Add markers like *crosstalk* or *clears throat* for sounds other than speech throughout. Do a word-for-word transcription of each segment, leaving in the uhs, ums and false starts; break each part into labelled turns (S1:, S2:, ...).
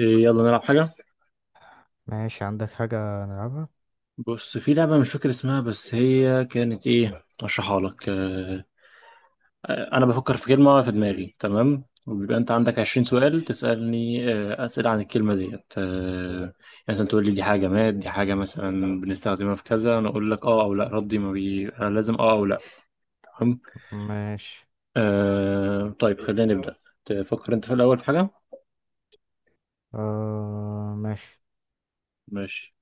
S1: إيه، يلا نلعب حاجة.
S2: ماشي، عندك حاجة نلعبها؟
S1: بص، في لعبة مش فاكر اسمها بس هي كانت ايه، اشرحها لك. آه، انا بفكر في كلمة في دماغي، تمام، وبيبقى انت عندك 20 سؤال تسألني، آه، اسئلة عن الكلمة ديت، آه، يعني مثلا تقول لي دي حاجة جماد، دي حاجة مثلا بنستخدمها في كذا، انا اقول لك اه او لا. ردي ما بي أنا لازم اه او لا. تمام.
S2: ماشي.
S1: آه، طيب خلينا نبدأ. تفكر انت في الاول في حاجة.
S2: آه ماشي.
S1: ماشي.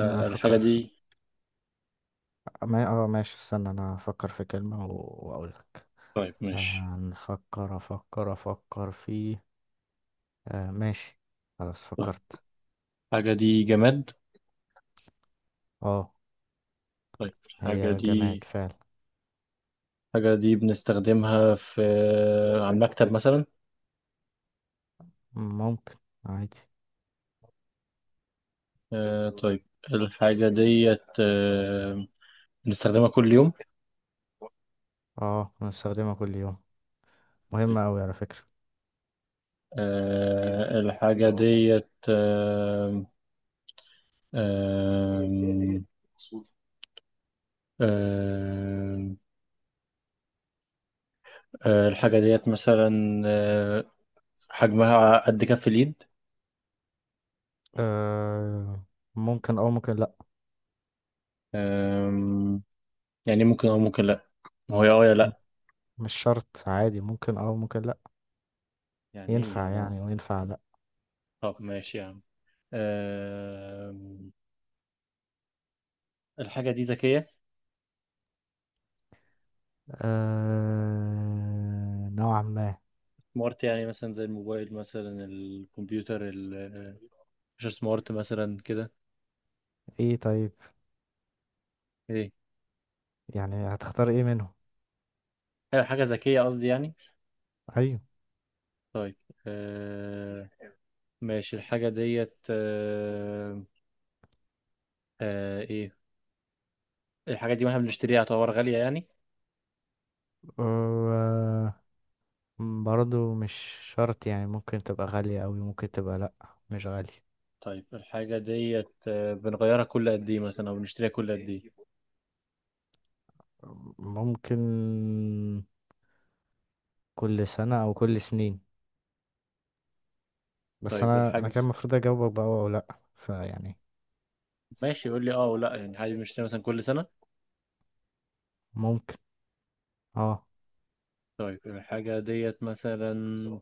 S2: انا
S1: الحاجة
S2: هفكر في...
S1: دي.
S2: ما... اه، ماشي، استنى، انا هفكر في كلمة و... واقولك.
S1: طيب ماشي.
S2: آه، هنفكر افكر افكر في... آه ماشي. خلاص
S1: طيب
S2: فكرت.
S1: الحاجة دي جماد.
S2: اه.
S1: طيب الحاجة
S2: هي
S1: دي،
S2: جماد فعلا.
S1: الحاجة دي بنستخدمها في آه، على المكتب مثلا.
S2: ممكن. عادي.
S1: آه طيب. الحاجة ديت آه بنستخدمها كل يوم.
S2: اه، بنستخدمها كل يوم،
S1: طيب.
S2: مهمة اوي على فكرة.
S1: آه الحاجة ديت آه آه آه آه الحاجة ديت مثلا آه حجمها قد كف اليد.
S2: آه ممكن او ممكن لا.
S1: آه. يعني ممكن أو ممكن لأ. ما هو يا اه يا
S2: م-
S1: لأ.
S2: مش شرط، عادي، ممكن او ممكن لا.
S1: يعني إيه يا
S2: ينفع
S1: ماما؟
S2: يعني وينفع لا.
S1: طب ماشي يا عم. آه الحاجة دي ذكية،
S2: آه... نوعا ما.
S1: سمارت يعني، مثلا زي الموبايل مثلا الكمبيوتر ال- آه، مش سمارت مثلا كده.
S2: ايه، طيب،
S1: ايه.
S2: يعني هتختار ايه منهم؟
S1: أيوة، حاجة ذكية قصدي يعني.
S2: ايوه.
S1: طيب. آه ماشي. الحاجة ديت آه آه ايه. الحاجة دي واحنا بنشتريها تعتبر غالية يعني.
S2: آه... برضو مش شرط يعني، ممكن تبقى غالية اوي، ممكن تبقى لأ، مش غالية.
S1: طيب الحاجة ديت آه بنغيرها كل قد ايه مثلا، او بنشتريها كل قد ايه.
S2: ممكن كل سنة او كل سنين، بس
S1: طيب
S2: انا انا
S1: الحاجة،
S2: كان المفروض اجاوبك بقى او لأ، فيعني
S1: ماشي يقول لي اه ولا، يعني عادي بنشتريها مثلا كل سنة.
S2: ممكن. اه.
S1: طيب الحاجة ديت مثلا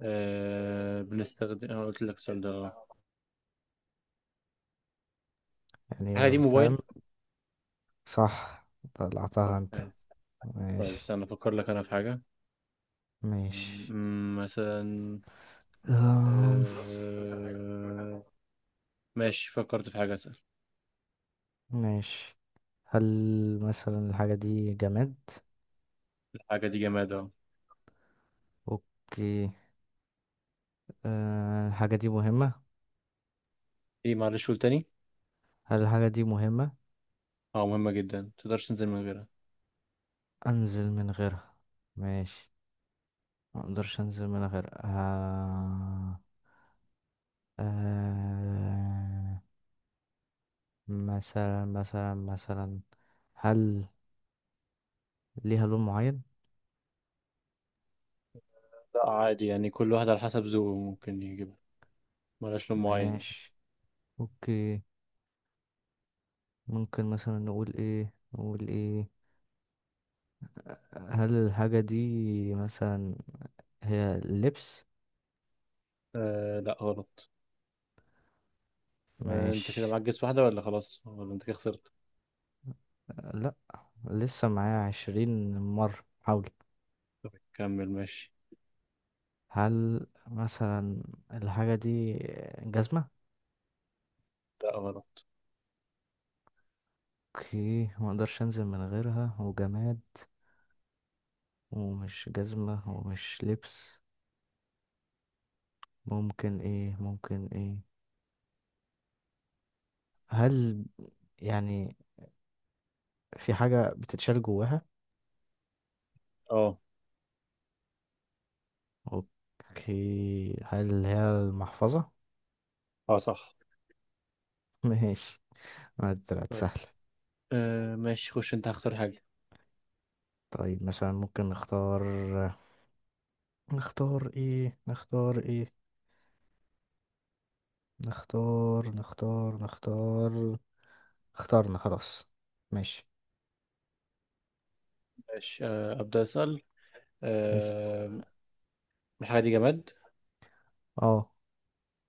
S1: آه بنستخدم، انا قلت لك السؤال ده آه. الحاجة دي
S2: يعني فاهم.
S1: موبايل.
S2: صح،
S1: طب
S2: طلعتها انت.
S1: حلو. طيب
S2: ماشي.
S1: استنى افكر لك انا في حاجة.
S2: ماشي،
S1: أمم، مثلا آه، ماشي فكرت في حاجة اسأل.
S2: ماشي. هل مثلا الحاجة دي جماد؟
S1: الحاجة دي جماد اهو.
S2: اوكي. أه الحاجة دي مهمة؟
S1: ايه معلش قول تاني.
S2: هل الحاجة دي مهمة؟
S1: اه مهمة جدا متقدرش تنزل من غيرها.
S2: انزل من غيرها؟ ماشي. ما اقدرش انزل من غيرها. أه... أه... مثلا مثلا مثلا هل ليها لون معين؟
S1: لا عادي يعني كل واحد على حسب ذوقه ممكن يجيبها. ملهاش لون معين يعني.
S2: ماشي، اوكي. ممكن مثلا نقول ايه، نقول ايه، هل الحاجة دي مثلا هي لبس؟
S1: آه لا غلط. آه انت كده
S2: ماشي.
S1: معاك جس واحدة ولا خلاص ولا انت كده خسرت.
S2: لا، لسه معايا عشرين مرة حاول.
S1: طب كمل ماشي.
S2: هل مثلا الحاجة دي جزمة؟
S1: لا غلط.
S2: اوكي، مقدرش انزل من غيرها، وجماد، ومش جزمة ومش لبس. ممكن ايه، ممكن ايه؟ هل يعني في حاجة بتتشال جواها؟
S1: اه.
S2: اوكي، هل هي المحفظة؟
S1: اه صح.
S2: *laughs* ماشي، ما طلعت
S1: طيب
S2: سهلة.
S1: آه ماشي خش انت هختار حاجة.
S2: طيب مثلا ممكن نختار، نختار ايه، نختار ايه، نختار نختار نختار اخترنا خلاص. ماشي.
S1: ماشي. آه أبدأ أسأل.
S2: بس.
S1: آه الحاجة دي جماد.
S2: اه.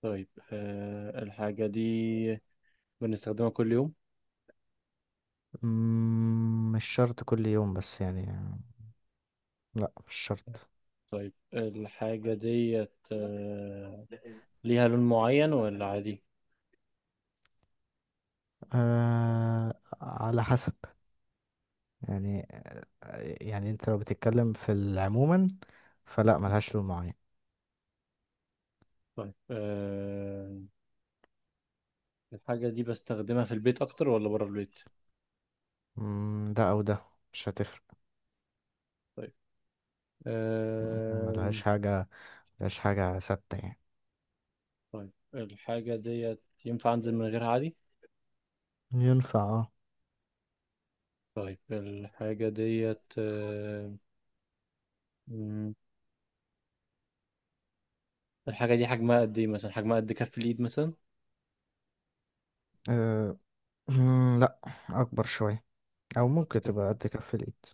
S1: طيب آه الحاجة دي بنستخدمها كل يوم.
S2: مم، مش شرط كل يوم بس يعني، لا مش شرط.
S1: طيب الحاجة ديت آه ليها لون معين ولا عادي.
S2: آه على حسب يعني، يعني انت لو بتتكلم في العموما فلا، ملهاش لون معين.
S1: طيب آه الحاجة دي بستخدمها في البيت أكتر ولا بره البيت.
S2: مم، ده او ده، مش هتفرق.
S1: طيب آه
S2: ملهاش حاجة، ملهاش حاجة ثابتة يعني.
S1: طيب الحاجة ديت ينفع أنزل من غيرها عادي.
S2: ينفع، اه.
S1: طيب الحاجة ديت آه مم، الحاجة دي حجمها قد إيه، مثلا حجمها قد كف الإيد مثلا.
S2: آه، *clears throat* لا، اكبر شوية، او ممكن
S1: كف.
S2: تبقى قد كف الايد.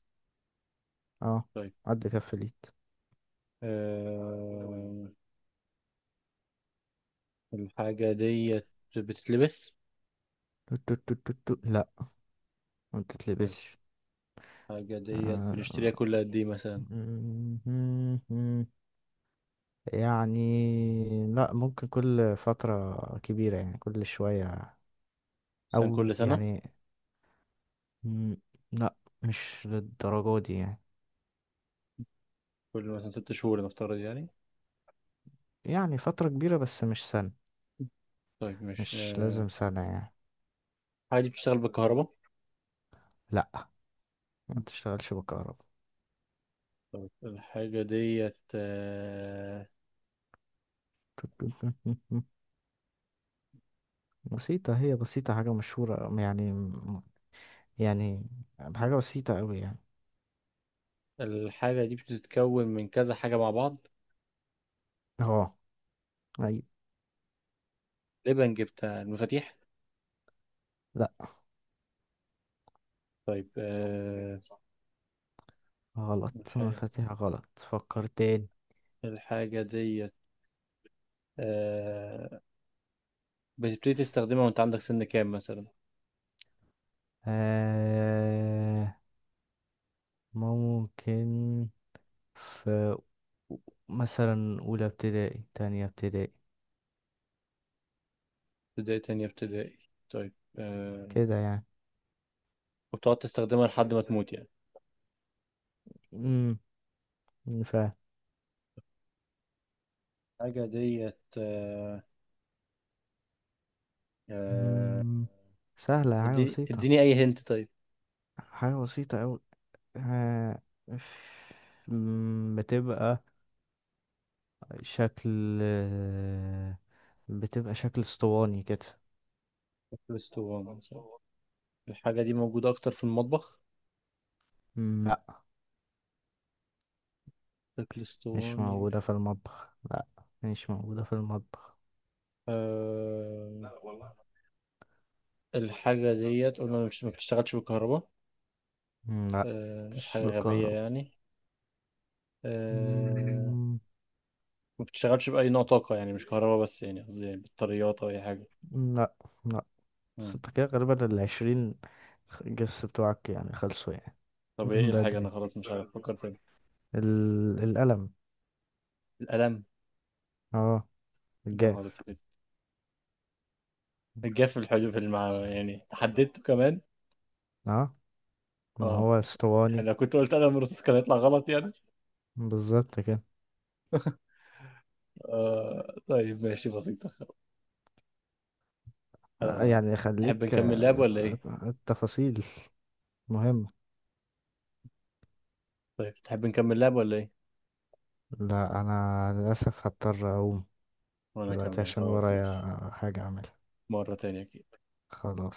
S2: اه،
S1: طيب
S2: قد كف اليد.
S1: آه الحاجة ديت بتتلبس.
S2: تو- تو- تو- تو- تو. لا، ما
S1: طيب
S2: بتتلبسش.
S1: الحاجة ديت
S2: آه،
S1: بنشتريها كل قد إيه، مثلا
S2: مهم. يعني لا، ممكن كل فترة كبيرة يعني، كل شوية
S1: مثلا كل
S2: أو
S1: سنة،
S2: يعني. مم، لا، مش للدرجة دي يعني.
S1: كل مثلا ست شهور نفترض يعني.
S2: يعني فترة كبيرة بس مش سنة.
S1: طيب مش
S2: مش
S1: آه،
S2: لازم سنة يعني.
S1: الحاجة دي بتشتغل بالكهرباء.
S2: لا، ما تشتغلش بالكهرباء.
S1: الحاجة ديت آه،
S2: تو- تو- تو- تو- تو. بسيطة، هي بسيطة، حاجة مشهورة يعني، يعني حاجة بسيطة أوي يعني.
S1: الحاجة دي بتتكون من كذا حاجة مع بعض.
S2: اه. أيوة.
S1: لبن جبتها المفاتيح.
S2: لا
S1: طيب آه،
S2: غلط،
S1: الحاجة،
S2: مفاتيح غلط، فكر تاني.
S1: الحاجة ديت آه، بتبتدي تستخدمها وأنت عندك سن كام مثلا.
S2: آه ممكن في مثلا أولى ابتدائي، تانية ابتدائي
S1: ابتدائي، تانية ابتدائي. طيب آه،
S2: كده يعني.
S1: وبتقعد تستخدمها لحد ما تموت يعني.
S2: امم فاهم.
S1: حاجة ديت آه، آه،
S2: مم، سهلة،
S1: طب
S2: حاجة
S1: اديني
S2: بسيطة،
S1: اديني أي هنت. طيب.
S2: حاجة بسيطة أوي. آه مم، بتبقى شكل، بتبقى شكل اسطواني كده.
S1: فلفل اسطواني صح؟ الحاجة دي موجودة أكتر في المطبخ.
S2: مم، لا،
S1: فلفل
S2: مش
S1: اسطواني
S2: موجودة
S1: مش-
S2: في المطبخ، لا مش موجودة في المطبخ.
S1: آه، الحاجة ديت قلنا مش ما بتشتغلش بالكهرباء.
S2: مم، لا،
S1: آه،
S2: مش
S1: حاجة غبية
S2: بالكهرباء.
S1: يعني. آه،
S2: مم،
S1: ما بتشتغلش بأي نوع طاقة يعني، مش كهرباء بس يعني، قصدي يعني بطاريات أو أي حاجة.
S2: لا، لا. بس
S1: مم.
S2: انت كده غالبا العشرين جس بتوعك يعني خلصوا يعني. *laughs*
S1: طب إيه
S2: من
S1: الحاجة؟ أنا
S2: بدري.
S1: خلاص مش عارف أفكر تاني.
S2: ال... القلم.
S1: القلم.
S2: اه.
S1: يا نهار
S2: الجاف.
S1: أسود. الجاف في الحجم في المع... يعني حددته كمان.
S2: اه، ما
S1: اه.
S2: هو اسطواني،
S1: يعني لو كنت قلت انا مرسوس كان هيطلع غلط يعني.
S2: بالظبط كده.
S1: آه طيب ماشي بسيطة.
S2: لا،
S1: آه
S2: يعني
S1: تحب
S2: خليك،
S1: نكمل لعب
S2: آه،
S1: ولا ايه؟
S2: الت- التفاصيل مهمة.
S1: طيب تحب نكمل لعب ولا ايه؟
S2: لا، انا للاسف هضطر اقوم
S1: وانا
S2: دلوقتي
S1: اكمل
S2: عشان
S1: خلاص
S2: ورايا
S1: ماشي
S2: حاجة اعملها.
S1: مرة تانية كده.
S2: خلاص.